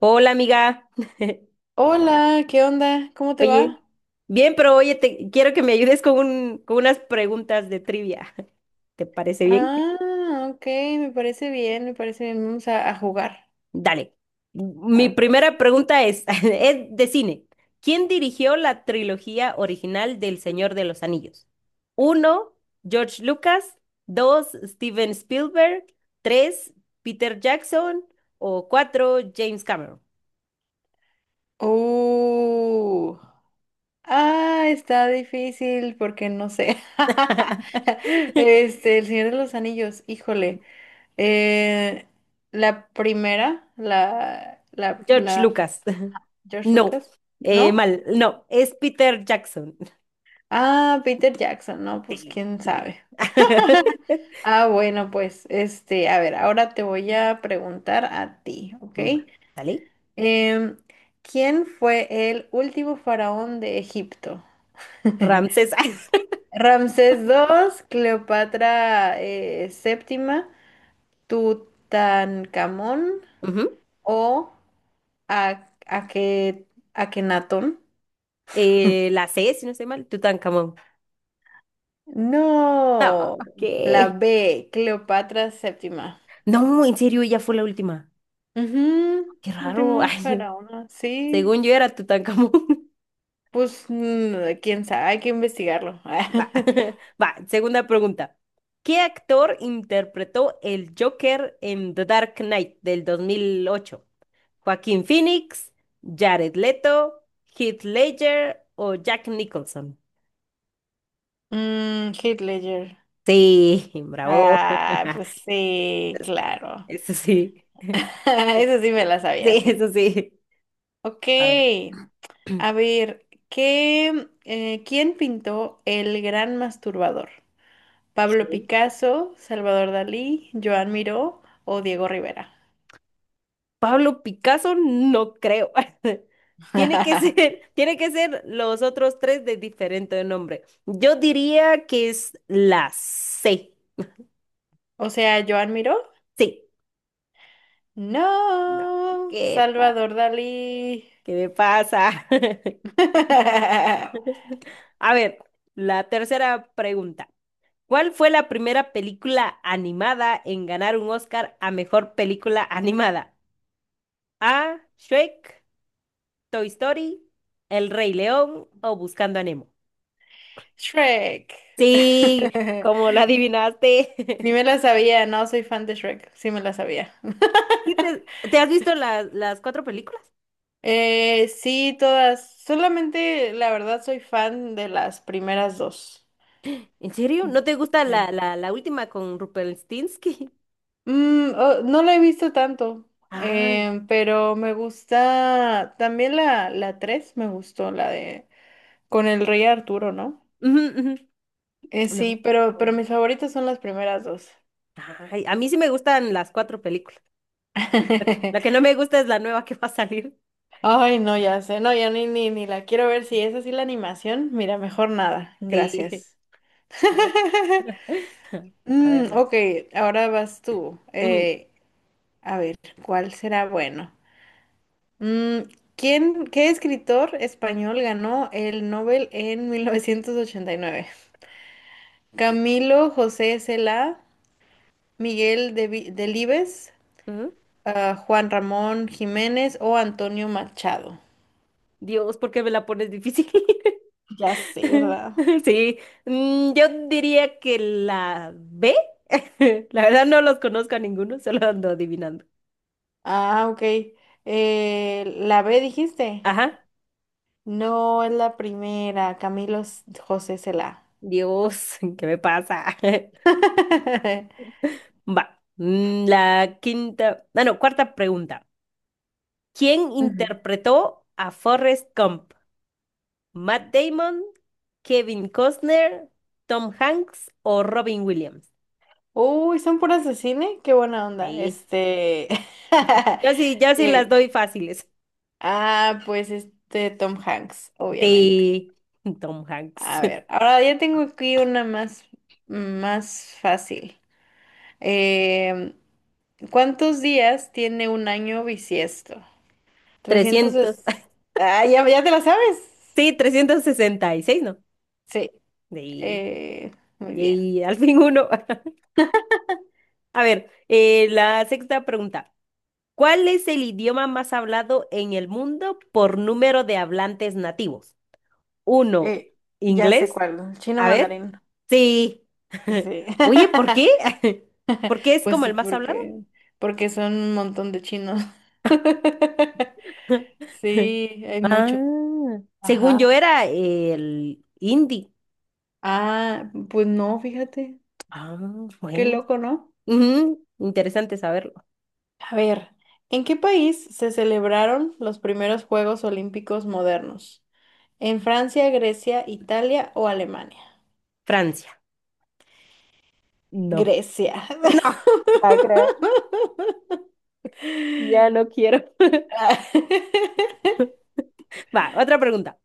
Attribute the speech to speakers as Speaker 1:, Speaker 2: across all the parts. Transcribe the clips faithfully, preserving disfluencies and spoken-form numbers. Speaker 1: Hola, amiga.
Speaker 2: Hola, ¿qué onda? ¿Cómo te
Speaker 1: Oye,
Speaker 2: va?
Speaker 1: bien, pero oye, te quiero que me ayudes con un- con unas preguntas de trivia. ¿Te parece bien?
Speaker 2: Ah, ok, me parece bien, me parece bien. Vamos a, a jugar.
Speaker 1: Dale. Mi
Speaker 2: Ok.
Speaker 1: primera pregunta es, es de cine. ¿Quién dirigió la trilogía original del Señor de los Anillos? Uno, George Lucas. Dos, Steven Spielberg. Tres, Peter Jackson. O cuatro, James Cameron.
Speaker 2: Uh, ah, está difícil porque no sé. Este, El Señor de los Anillos, híjole. Eh, la primera, la, la,
Speaker 1: George
Speaker 2: la,
Speaker 1: Lucas.
Speaker 2: George
Speaker 1: No,
Speaker 2: Lucas,
Speaker 1: eh,
Speaker 2: ¿no?
Speaker 1: mal, no, es Peter Jackson.
Speaker 2: Ah, Peter Jackson, no, pues
Speaker 1: Sí.
Speaker 2: quién sabe. Ah, bueno, pues, este, a ver, ahora te voy a preguntar a ti, ¿ok?
Speaker 1: Va, ¿sale?
Speaker 2: Em, ¿Quién fue el último faraón de Egipto?
Speaker 1: Ramses.
Speaker 2: Ramsés segundo, Cleopatra eh, séptima, Tutankamón
Speaker 1: Ujú.
Speaker 2: o A- Ake- Akenatón.
Speaker 1: Eh, la C, si no estoy mal, Tutankamón. No,
Speaker 2: No, la
Speaker 1: ¿qué?
Speaker 2: B, Cleopatra séptima.
Speaker 1: No, en serio, ella fue la última.
Speaker 2: Ujú,
Speaker 1: Qué raro.
Speaker 2: última
Speaker 1: Ay,
Speaker 2: faraona, sí.
Speaker 1: según yo era Tutankamón.
Speaker 2: Pues, mm, quién sabe, hay que investigarlo.
Speaker 1: Va, va, segunda pregunta. ¿Qué actor interpretó el Joker en The Dark Knight del dos mil ocho? Joaquín Phoenix, Jared Leto, Heath Ledger o Jack Nicholson.
Speaker 2: Mm, Heath Ledger.
Speaker 1: Sí, bravo.
Speaker 2: Ah, pues sí,
Speaker 1: Es-
Speaker 2: claro.
Speaker 1: Eso sí.
Speaker 2: Eso sí me la sabía,
Speaker 1: Sí, eso
Speaker 2: sí.
Speaker 1: sí.
Speaker 2: Ok,
Speaker 1: A ver.
Speaker 2: a ver, ¿qué, eh, ¿quién pintó El Gran Masturbador? ¿Pablo
Speaker 1: Ok.
Speaker 2: Picasso, Salvador Dalí, Joan Miró o Diego Rivera?
Speaker 1: Pablo Picasso, no creo. Tiene que ser, tiene que ser los otros tres de diferente nombre. Yo diría que es la C.
Speaker 2: O sea, ¿Joan Miró?
Speaker 1: Sí. No,
Speaker 2: No,
Speaker 1: ¿qué, pa-
Speaker 2: Salvador Dalí.
Speaker 1: ¿qué me pasa? A ver, la tercera pregunta. ¿Cuál fue la primera película animada en ganar un Oscar a mejor película animada? A. Shrek, Toy Story, El Rey León o Buscando a Nemo.
Speaker 2: Shrek.
Speaker 1: Sí, como la adivinaste.
Speaker 2: Sí me la sabía, no soy fan de Shrek, sí me la sabía.
Speaker 1: ¿Sí? ¿Te, te has visto las las cuatro películas?
Speaker 2: Eh, sí, todas. Solamente, la verdad, soy fan de las primeras dos.
Speaker 1: ¿En serio?
Speaker 2: Mm,
Speaker 1: ¿No te gusta la,
Speaker 2: sí.
Speaker 1: la, la última con Rumpelstiltskin?
Speaker 2: Mm, oh, no la he visto tanto,
Speaker 1: Ah,
Speaker 2: eh, pero me gusta también la, la tres, me gustó, la de con el rey Arturo, ¿no?
Speaker 1: ujú, ujú.
Speaker 2: Eh, sí,
Speaker 1: No,
Speaker 2: pero,
Speaker 1: está
Speaker 2: pero
Speaker 1: bueno.
Speaker 2: mis favoritas son las primeras dos.
Speaker 1: Ay, a mí sí me gustan las cuatro películas. Lo que, lo que no me gusta es la nueva que va a salir.
Speaker 2: Ay, no, ya sé, no, ya ni, ni, ni la quiero ver. Si es así la animación, mira, mejor nada.
Speaker 1: Sí,
Speaker 2: Gracias.
Speaker 1: a
Speaker 2: Mm,
Speaker 1: verlas.
Speaker 2: ok, ahora vas tú.
Speaker 1: Ujú.
Speaker 2: Eh, a ver, ¿cuál será bueno? Mm, ¿quién, qué escritor español ganó el Nobel en mil novecientos ochenta y nueve? Camilo José Cela, Miguel Devi- Delibes,
Speaker 1: Ujú.
Speaker 2: ah, Juan Ramón Jiménez o Antonio Machado.
Speaker 1: Dios, ¿por qué me la pones difícil?
Speaker 2: Ya sé, ¿verdad?
Speaker 1: Sí, mm, yo diría que la B. La verdad no los conozco a ninguno, solo ando adivinando.
Speaker 2: Ah, ok. Eh, ¿la B dijiste?
Speaker 1: Ajá,
Speaker 2: No, es la primera, Camilo S- José Cela.
Speaker 1: Dios, ¿qué me pasa? Va, mm, la quinta, ah, no, cuarta pregunta. ¿Quién
Speaker 2: Ujú.
Speaker 1: interpretó a Forrest Gump? ¿Matt Damon, Kevin Costner, Tom Hanks o Robin Williams?
Speaker 2: Uy, son puras de cine, qué buena onda.
Speaker 1: Sí.
Speaker 2: Este.
Speaker 1: Yo sí, yo sí las
Speaker 2: eh,
Speaker 1: doy fáciles.
Speaker 2: ah, pues este Tom Hanks, obviamente.
Speaker 1: Sí, Tom Hanks.
Speaker 2: A ver, ahora ya tengo aquí una más, más fácil. Em, ¿Cuántos días tiene un año bisiesto? Trescientos
Speaker 1: Trescientos,
Speaker 2: es... Ah, ya, ya te la sabes.
Speaker 1: sí, trescientos sesenta y seis, ¿no?
Speaker 2: Sí,
Speaker 1: Sí,
Speaker 2: eh, muy bien.
Speaker 1: y al fin uno. A ver, eh, la sexta pregunta. ¿Cuál es el idioma más hablado en el mundo por número de hablantes nativos? Uno,
Speaker 2: Eh, ya sé
Speaker 1: inglés.
Speaker 2: cuál, chino
Speaker 1: A ver.
Speaker 2: mandarín.
Speaker 1: Sí.
Speaker 2: Sí.
Speaker 1: Oye, ¿por qué? ¿Por qué es
Speaker 2: Pues
Speaker 1: como
Speaker 2: sí,
Speaker 1: el más hablado?
Speaker 2: porque, porque son un montón de chinos. Sí, hay muchos.
Speaker 1: Ah, según
Speaker 2: Ajá.
Speaker 1: yo era el hindi.
Speaker 2: Ah, pues no, fíjate.
Speaker 1: Ah,
Speaker 2: Qué
Speaker 1: bueno.
Speaker 2: loco, ¿no?
Speaker 1: Ujú, interesante saberlo.
Speaker 2: A ver, ¿en qué país se celebraron los primeros Juegos Olímpicos modernos? ¿En Francia, Grecia, Italia o Alemania?
Speaker 1: Francia. No.
Speaker 2: Grecia.
Speaker 1: No, ¿va a creer? Ya no quiero. Va, otra pregunta.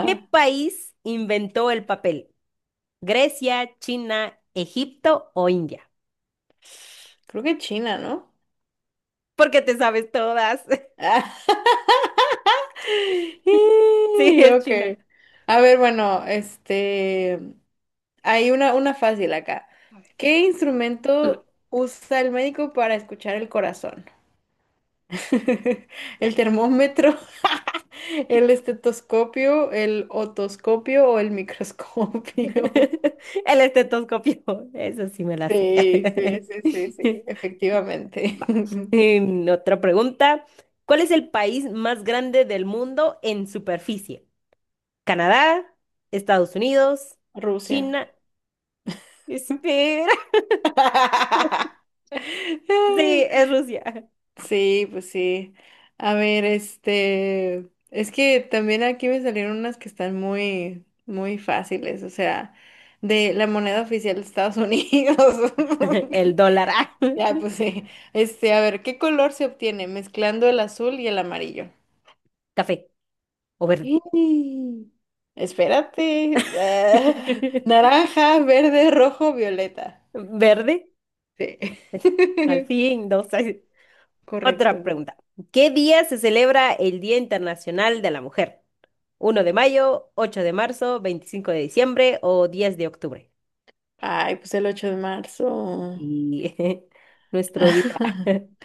Speaker 1: ¿Qué país inventó el papel? ¿Grecia, China, Egipto o India?
Speaker 2: Creo que China, ¿no?
Speaker 1: Porque te sabes todas. Sí,
Speaker 2: Y,
Speaker 1: es
Speaker 2: Ok.
Speaker 1: China.
Speaker 2: A ver, bueno, este, hay una, una fácil acá. ¿Qué instrumento usa el médico para escuchar el corazón? ¿El termómetro, el estetoscopio, el otoscopio o el microscopio?
Speaker 1: El estetoscopio, eso sí me la sé.
Speaker 2: Sí, sí, sí, sí, sí, efectivamente.
Speaker 1: Va. Em, otra pregunta. ¿Cuál es el país más grande del mundo en superficie? Canadá, Estados Unidos,
Speaker 2: Rusia.
Speaker 1: China. Espera. Sí, es Rusia.
Speaker 2: Sí, pues sí. A ver, este, es que también aquí me salieron unas que están muy, muy fáciles, o sea, de la moneda oficial de Estados Unidos.
Speaker 1: El dólar, ah.
Speaker 2: Ya, pues sí. Este, a ver, ¿qué color se obtiene mezclando el azul y el amarillo?
Speaker 1: Café o verde.
Speaker 2: ¡Ih! Espérate. Ah, naranja, verde, rojo, violeta.
Speaker 1: Verde.
Speaker 2: Sí.
Speaker 1: Al fin, dos, ay.
Speaker 2: Correcto.
Speaker 1: Otra pregunta. ¿Qué día se celebra el Día Internacional de la Mujer? ¿Uno de mayo, ocho de marzo, veinticinco de diciembre o diez de octubre?
Speaker 2: Ay, pues el ocho de marzo.
Speaker 1: Y nuestro día,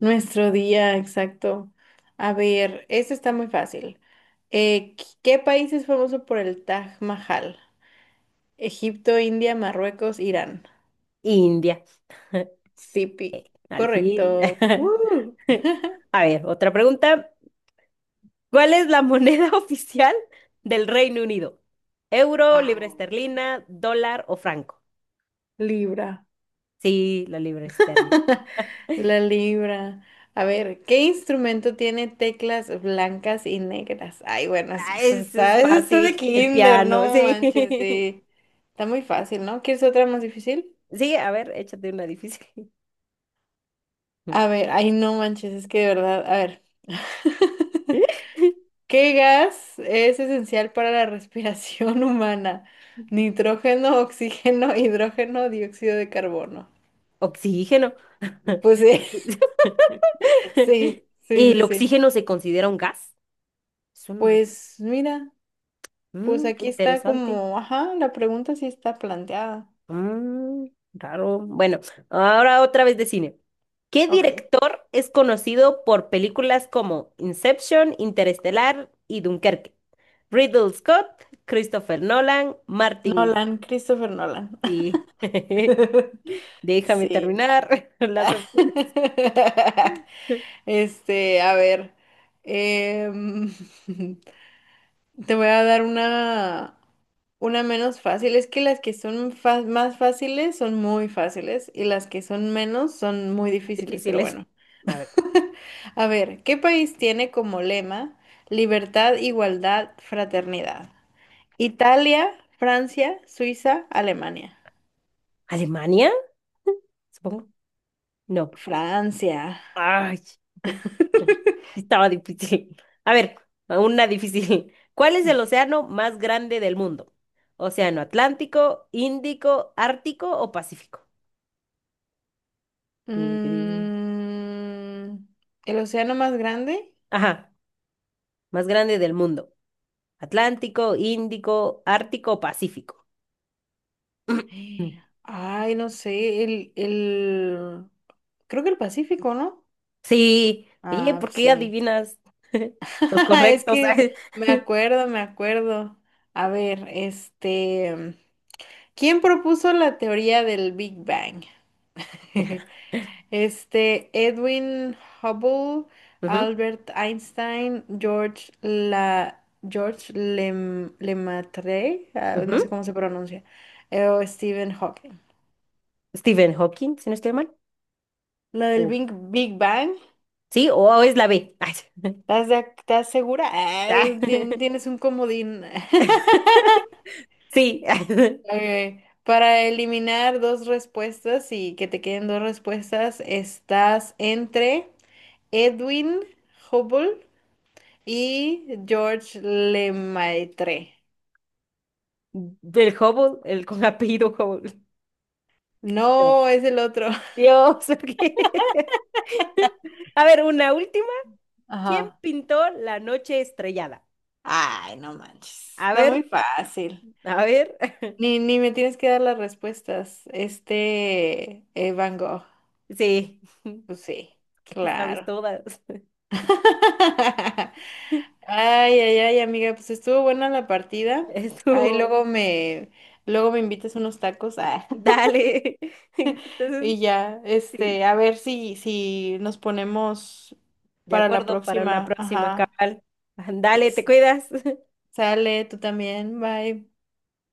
Speaker 2: Nuestro día, exacto. A ver, esto está muy fácil. Eh, ¿qué qué país es famoso por el Taj Mahal? Egipto, India, Marruecos, Irán.
Speaker 1: India,
Speaker 2: Sipi.
Speaker 1: al fin.
Speaker 2: Correcto. ¡Woo!
Speaker 1: A ver, otra pregunta. ¿Cuál es la moneda oficial del Reino Unido? ¿Euro,
Speaker 2: Ah,
Speaker 1: libra esterlina, dólar o franco?
Speaker 2: libra.
Speaker 1: Sí, la libra esterlina.
Speaker 2: La libra. A ver, ¿qué instrumento tiene teclas blancas y negras? Ay, bueno, es-
Speaker 1: Ah,
Speaker 2: eso
Speaker 1: eso es
Speaker 2: está, eso está
Speaker 1: fácil.
Speaker 2: de
Speaker 1: El
Speaker 2: kinder,
Speaker 1: piano,
Speaker 2: no
Speaker 1: sí.
Speaker 2: manches, sí. Está muy fácil, ¿no? ¿Quieres otra más difícil?
Speaker 1: Sí, a ver, échate una difícil.
Speaker 2: A ver, ay, no manches, es que de verdad, a ver. ¿Qué gas es esencial para la respiración humana? Nitrógeno, oxígeno, hidrógeno, dióxido de carbono.
Speaker 1: Oxígeno.
Speaker 2: Pues sí, sí, sí,
Speaker 1: ¿El
Speaker 2: sí, sí.
Speaker 1: oxígeno se considera un gas? Eso no lo-
Speaker 2: Pues mira, pues
Speaker 1: Mm, qué
Speaker 2: aquí está
Speaker 1: interesante.
Speaker 2: como, ajá, la pregunta sí está planteada.
Speaker 1: Mm, raro. Bueno, ahora otra vez de cine. ¿Qué
Speaker 2: Ok.
Speaker 1: director es conocido por películas como Inception, Interestelar y Dunkerque? Riddle Scott, Christopher Nolan, Martin.
Speaker 2: Nolan, Christopher Nolan.
Speaker 1: Sí. Déjame
Speaker 2: Sí.
Speaker 1: terminar las opciones
Speaker 2: Este, a ver. em, Te voy a dar una, una menos fácil. Es que las que son fa- más fáciles son muy fáciles y las que son menos son muy difíciles, pero
Speaker 1: difíciles.
Speaker 2: bueno.
Speaker 1: A ver,
Speaker 2: A ver, ¿qué país tiene como lema libertad, igualdad, fraternidad? Italia, Francia, Suiza, Alemania.
Speaker 1: ¿Alemania? Supongo. No.
Speaker 2: Francia.
Speaker 1: Ay, sí estaba difícil. A ver, una difícil. ¿Cuál es el océano más grande del mundo? ¿Océano Atlántico, Índico, Ártico o Pacífico? Pin, pin, pin.
Speaker 2: Mm, ¿El océano más grande?
Speaker 1: Ajá, más grande del mundo. Atlántico, Índico, Ártico o Pacífico.
Speaker 2: Ay, no sé, el, el, creo que el Pacífico, ¿no?
Speaker 1: Sí, oye,
Speaker 2: Ah,
Speaker 1: ¿por
Speaker 2: pues
Speaker 1: qué
Speaker 2: sí.
Speaker 1: adivinas los
Speaker 2: Es
Speaker 1: correctos?
Speaker 2: que me acuerdo, me acuerdo. A ver, este, ¿quién propuso la teoría del Big Bang? Este, Edwin Hubble,
Speaker 1: Ujú,
Speaker 2: Albert Einstein, George La, George Lem- Lemaitre, ah, no sé
Speaker 1: ujú.
Speaker 2: cómo se pronuncia, eh, o Stephen Hawking.
Speaker 1: Stephen Hawking, si no estoy mal.
Speaker 2: La del
Speaker 1: O-
Speaker 2: Big, Big Bang.
Speaker 1: Sí, o es la B. Ay,
Speaker 2: ¿Estás, de ac- estás segura? Ah, tien-
Speaker 1: ay.
Speaker 2: tienes un comodín.
Speaker 1: Sí,
Speaker 2: Ok. Para eliminar dos respuestas y que te queden dos respuestas, estás entre Edwin Hubble y George Lemaitre.
Speaker 1: del Hubble, el con apellido Hubble. No.
Speaker 2: No, es el otro.
Speaker 1: Dios, ok. A ver, una última. ¿Quién
Speaker 2: Ajá.
Speaker 1: pintó La Noche Estrellada?
Speaker 2: Ay, no manches.
Speaker 1: A
Speaker 2: Está
Speaker 1: ver,
Speaker 2: muy fácil.
Speaker 1: a ver.
Speaker 2: Ni, ni me tienes que dar las respuestas. Este, eh, Van Gogh.
Speaker 1: Sí,
Speaker 2: Pues sí,
Speaker 1: ¿qué te sabes
Speaker 2: claro.
Speaker 1: todas?
Speaker 2: Ay, ay, ay, amiga, pues estuvo buena la partida. Ay,
Speaker 1: Estuvo.
Speaker 2: luego me, luego me invitas unos tacos. Ah,
Speaker 1: Dale. Entonces,
Speaker 2: y ya,
Speaker 1: sí,
Speaker 2: este, a ver si, si nos ponemos
Speaker 1: de
Speaker 2: para la
Speaker 1: acuerdo para una
Speaker 2: próxima.
Speaker 1: próxima,
Speaker 2: Ajá.
Speaker 1: cabal. Dale, te
Speaker 2: Exacto.
Speaker 1: cuidas.
Speaker 2: Sale, tú también. Bye.